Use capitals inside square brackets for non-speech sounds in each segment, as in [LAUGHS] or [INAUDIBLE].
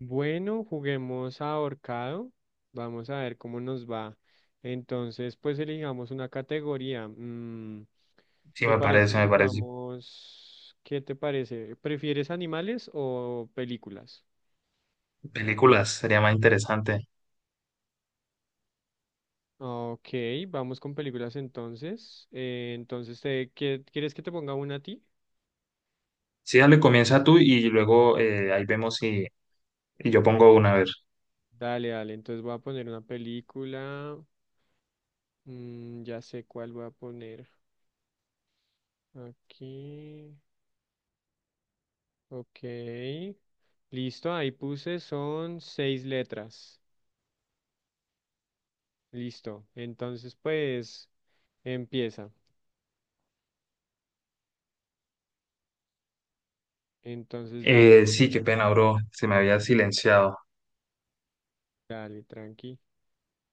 Bueno, juguemos a ahorcado. Vamos a ver cómo nos va. Entonces, pues elijamos una categoría. Sí, ¿Te me parece parece, si me parece. jugamos? ¿Qué te parece? ¿Prefieres animales o películas? Películas, sería más interesante. Ok, vamos con películas entonces. Entonces, ¿ quieres que te ponga una a ti? Sí, dale, comienza tú y luego ahí vemos si yo pongo una, a ver. Dale, dale. Entonces voy a poner una película. Ya sé cuál voy a poner. Aquí. Ok. Listo, ahí puse, son seis letras. Listo. Entonces, pues, empieza. Entonces, dale, Sí, qué pena, bro, se me había silenciado. dale, tranqui.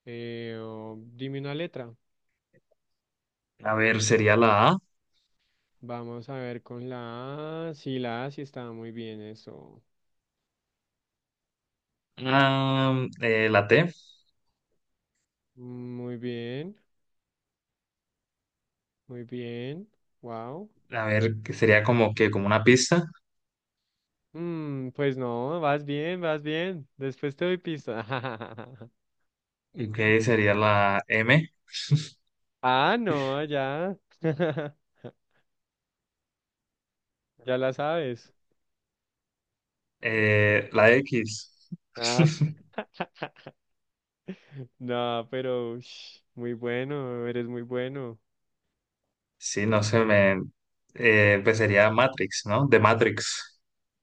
Oh, dime una letra. A ver, sería la A. Vamos a ver con la A. Sí, la A sí estaba muy bien eso. La T, Muy bien, muy bien. Wow. a ver, que sería como una pista. Mm, pues no, vas bien, vas bien. Después te doy pista. [LAUGHS] ¿Y qué sería la M? Ah, no, ya. [LAUGHS] Ya la sabes. La X. [LAUGHS] [LAUGHS] No, pero ush, muy bueno, eres muy bueno. Sí, no sé, me... pues sería Matrix, ¿no? De Matrix.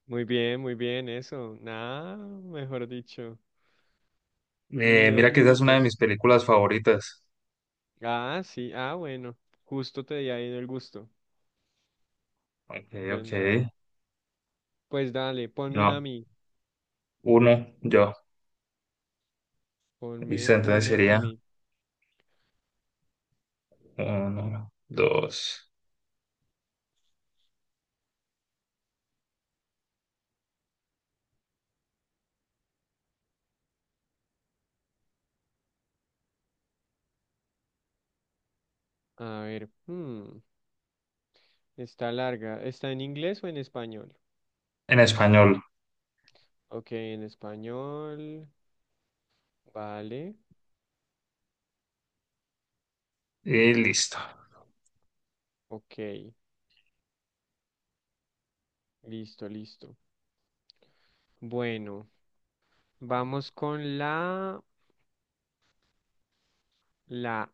Muy bien, eso. Nada, mejor dicho, ni dos Mira que esa es una de minutos. mis películas favoritas. Ah, sí, ah, bueno, justo te di ahí el gusto. Ok, Pues ok. nada, pues dale, ponme una a No, mí, uno, yo. Y ponme entonces una a sería mí. uno, dos, A ver, está larga. ¿Está en inglés o en español? en español. Ok, en español, vale, Y listo. ok, listo, listo. Bueno, vamos con la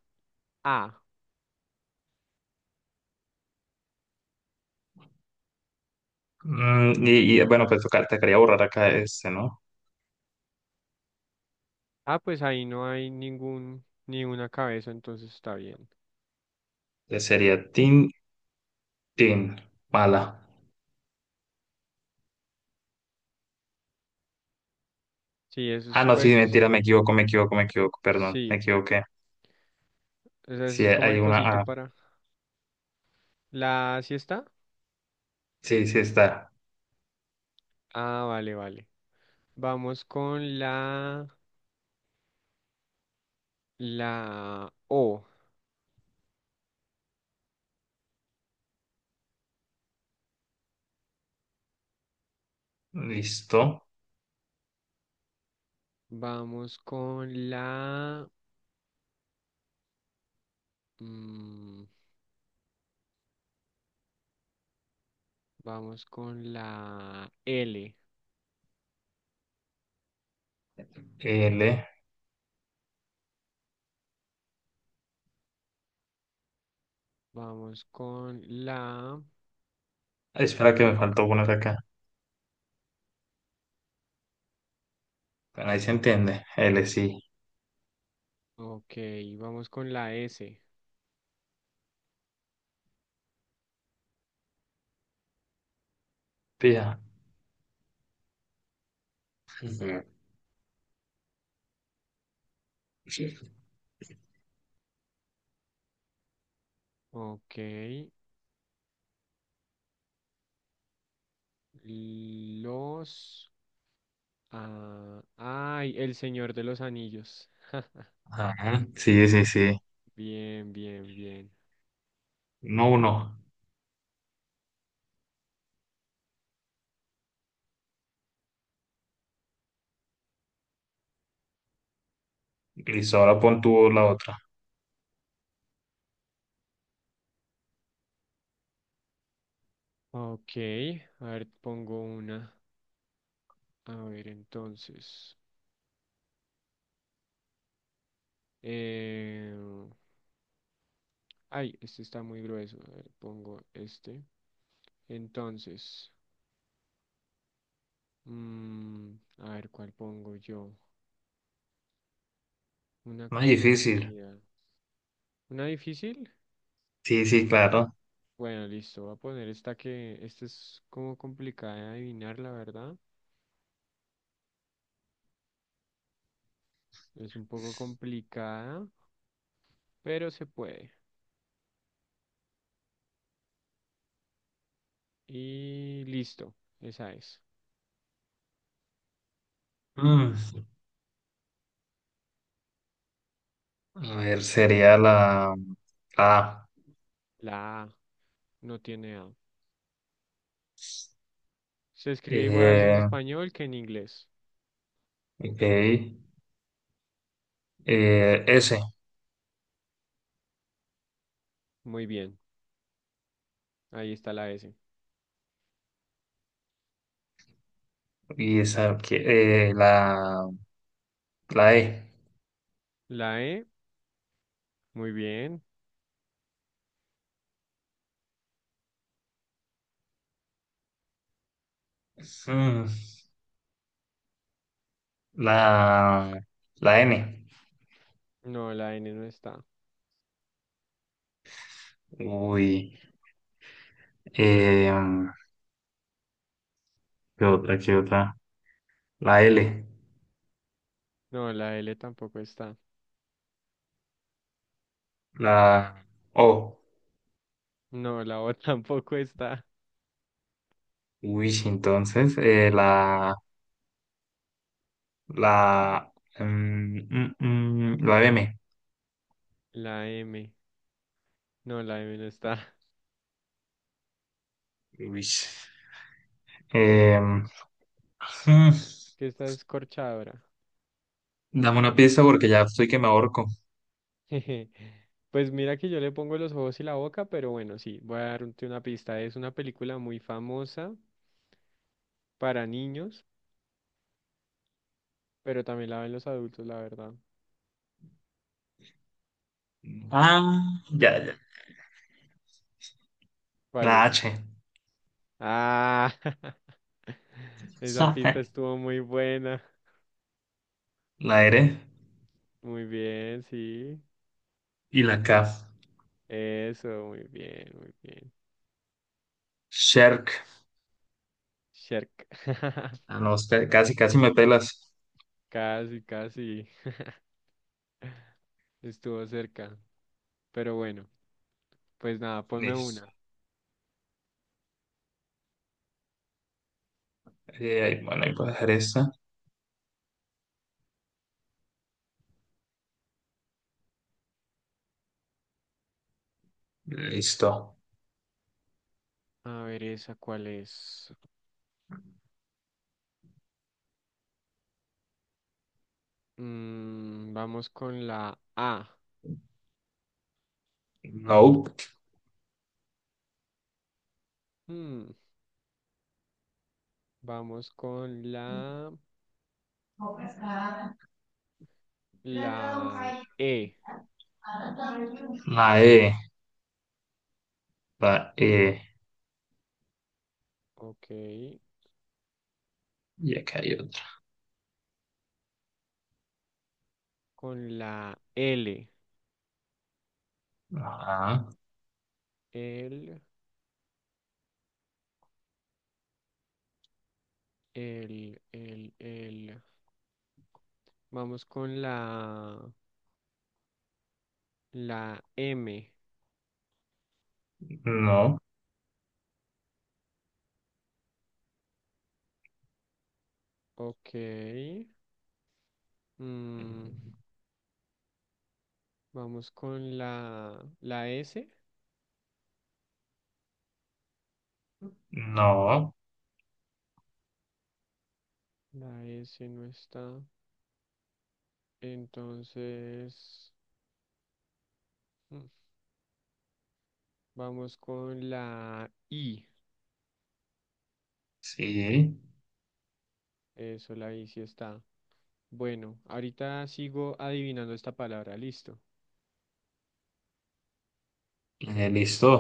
A. Bueno, pues tocar, te quería borrar acá este, ¿no? Ah, pues ahí no hay ningún, ni una cabeza, entonces está bien. Entonces sería tin, tin, mala. Sí, eso Ah, es, no, sí, mentira, me equivoco, me equivoco, me equivoco, perdón, me sí, equivoqué. ese Sí, es como hay el cosito una A. para la siesta. Sí, sí está. Ah, vale, vale. Vamos con la O. Listo. Vamos con la, mm, vamos con la L. L. Vamos con la, Ay, espera que me faltó poner acá. Bueno, ahí se entiende. L, sí. ok, vamos con la S. Pía. Ujú. Ok, los... Ah, ay, El Señor de los Anillos. [LAUGHS] Ja, Ajá. Sí, sí, sí. bien, bien, bien. No, uno. Listo, ahora pon tú la otra. Ok, a ver, pongo una. A ver, entonces, eh, ay, este está muy grueso. A ver, pongo este. Entonces, a ver, ¿cuál pongo yo? Una Más difícil. conocida. ¿Una difícil? Sí, sí, claro. Bueno, listo, voy a poner esta que, esta es como complicada de adivinar, la verdad. Es un poco complicada, pero se puede. Y listo, esa es. Mm, a ver, sería la A. La A no tiene A. Se escribe igual en Eh, español que en inglés. ok. S. Muy bien, ahí está la S. Y esa, que- eh, la, la E. La E, muy bien. Mm, La, la N. No, la N no está. Uy. Eh, ¿Qué otra? ¿Qué otra? La L. No, la L tampoco está. La O. No, la O [LAUGHS] tampoco está. Uy, sí, entonces, la La, la M. La M, no, la M no está. Es Uy. Em, mm, que está escorchadora. dame una pista porque ya estoy que me ahorco. [LAUGHS] Pues mira que yo le pongo los ojos y la boca, pero bueno, sí, voy a darte una pista. Es una película muy famosa para niños, pero también la ven los adultos, la verdad. Ah, ya, ya. ¿Cuál La es? H. Ah, [LAUGHS] esa [LAUGHS] pista estuvo muy buena. La R. Muy bien, sí. Y la K. Eso, muy bien, muy bien. Shark. Shark. [LAUGHS] Ah, no, usted- casi, casi me pelas. Casi, casi. Estuvo cerca. Pero bueno, pues nada, ponme Listo. una. Ahí- bueno, ahí puedo dejar esta. Listo. A ver, esa cuál es. Vamos con la A. No. Mm, vamos con la E. La E. Va, Ok. y acá hay otro. Con la L. Ajá, L. El, el. Vamos con la M. no, Ok. Mm, vamos con la S. no, La S no está. Entonces, mm, vamos con la I. sí, Eso, la I sí está. Bueno, ahorita sigo adivinando esta palabra. Listo. Listo.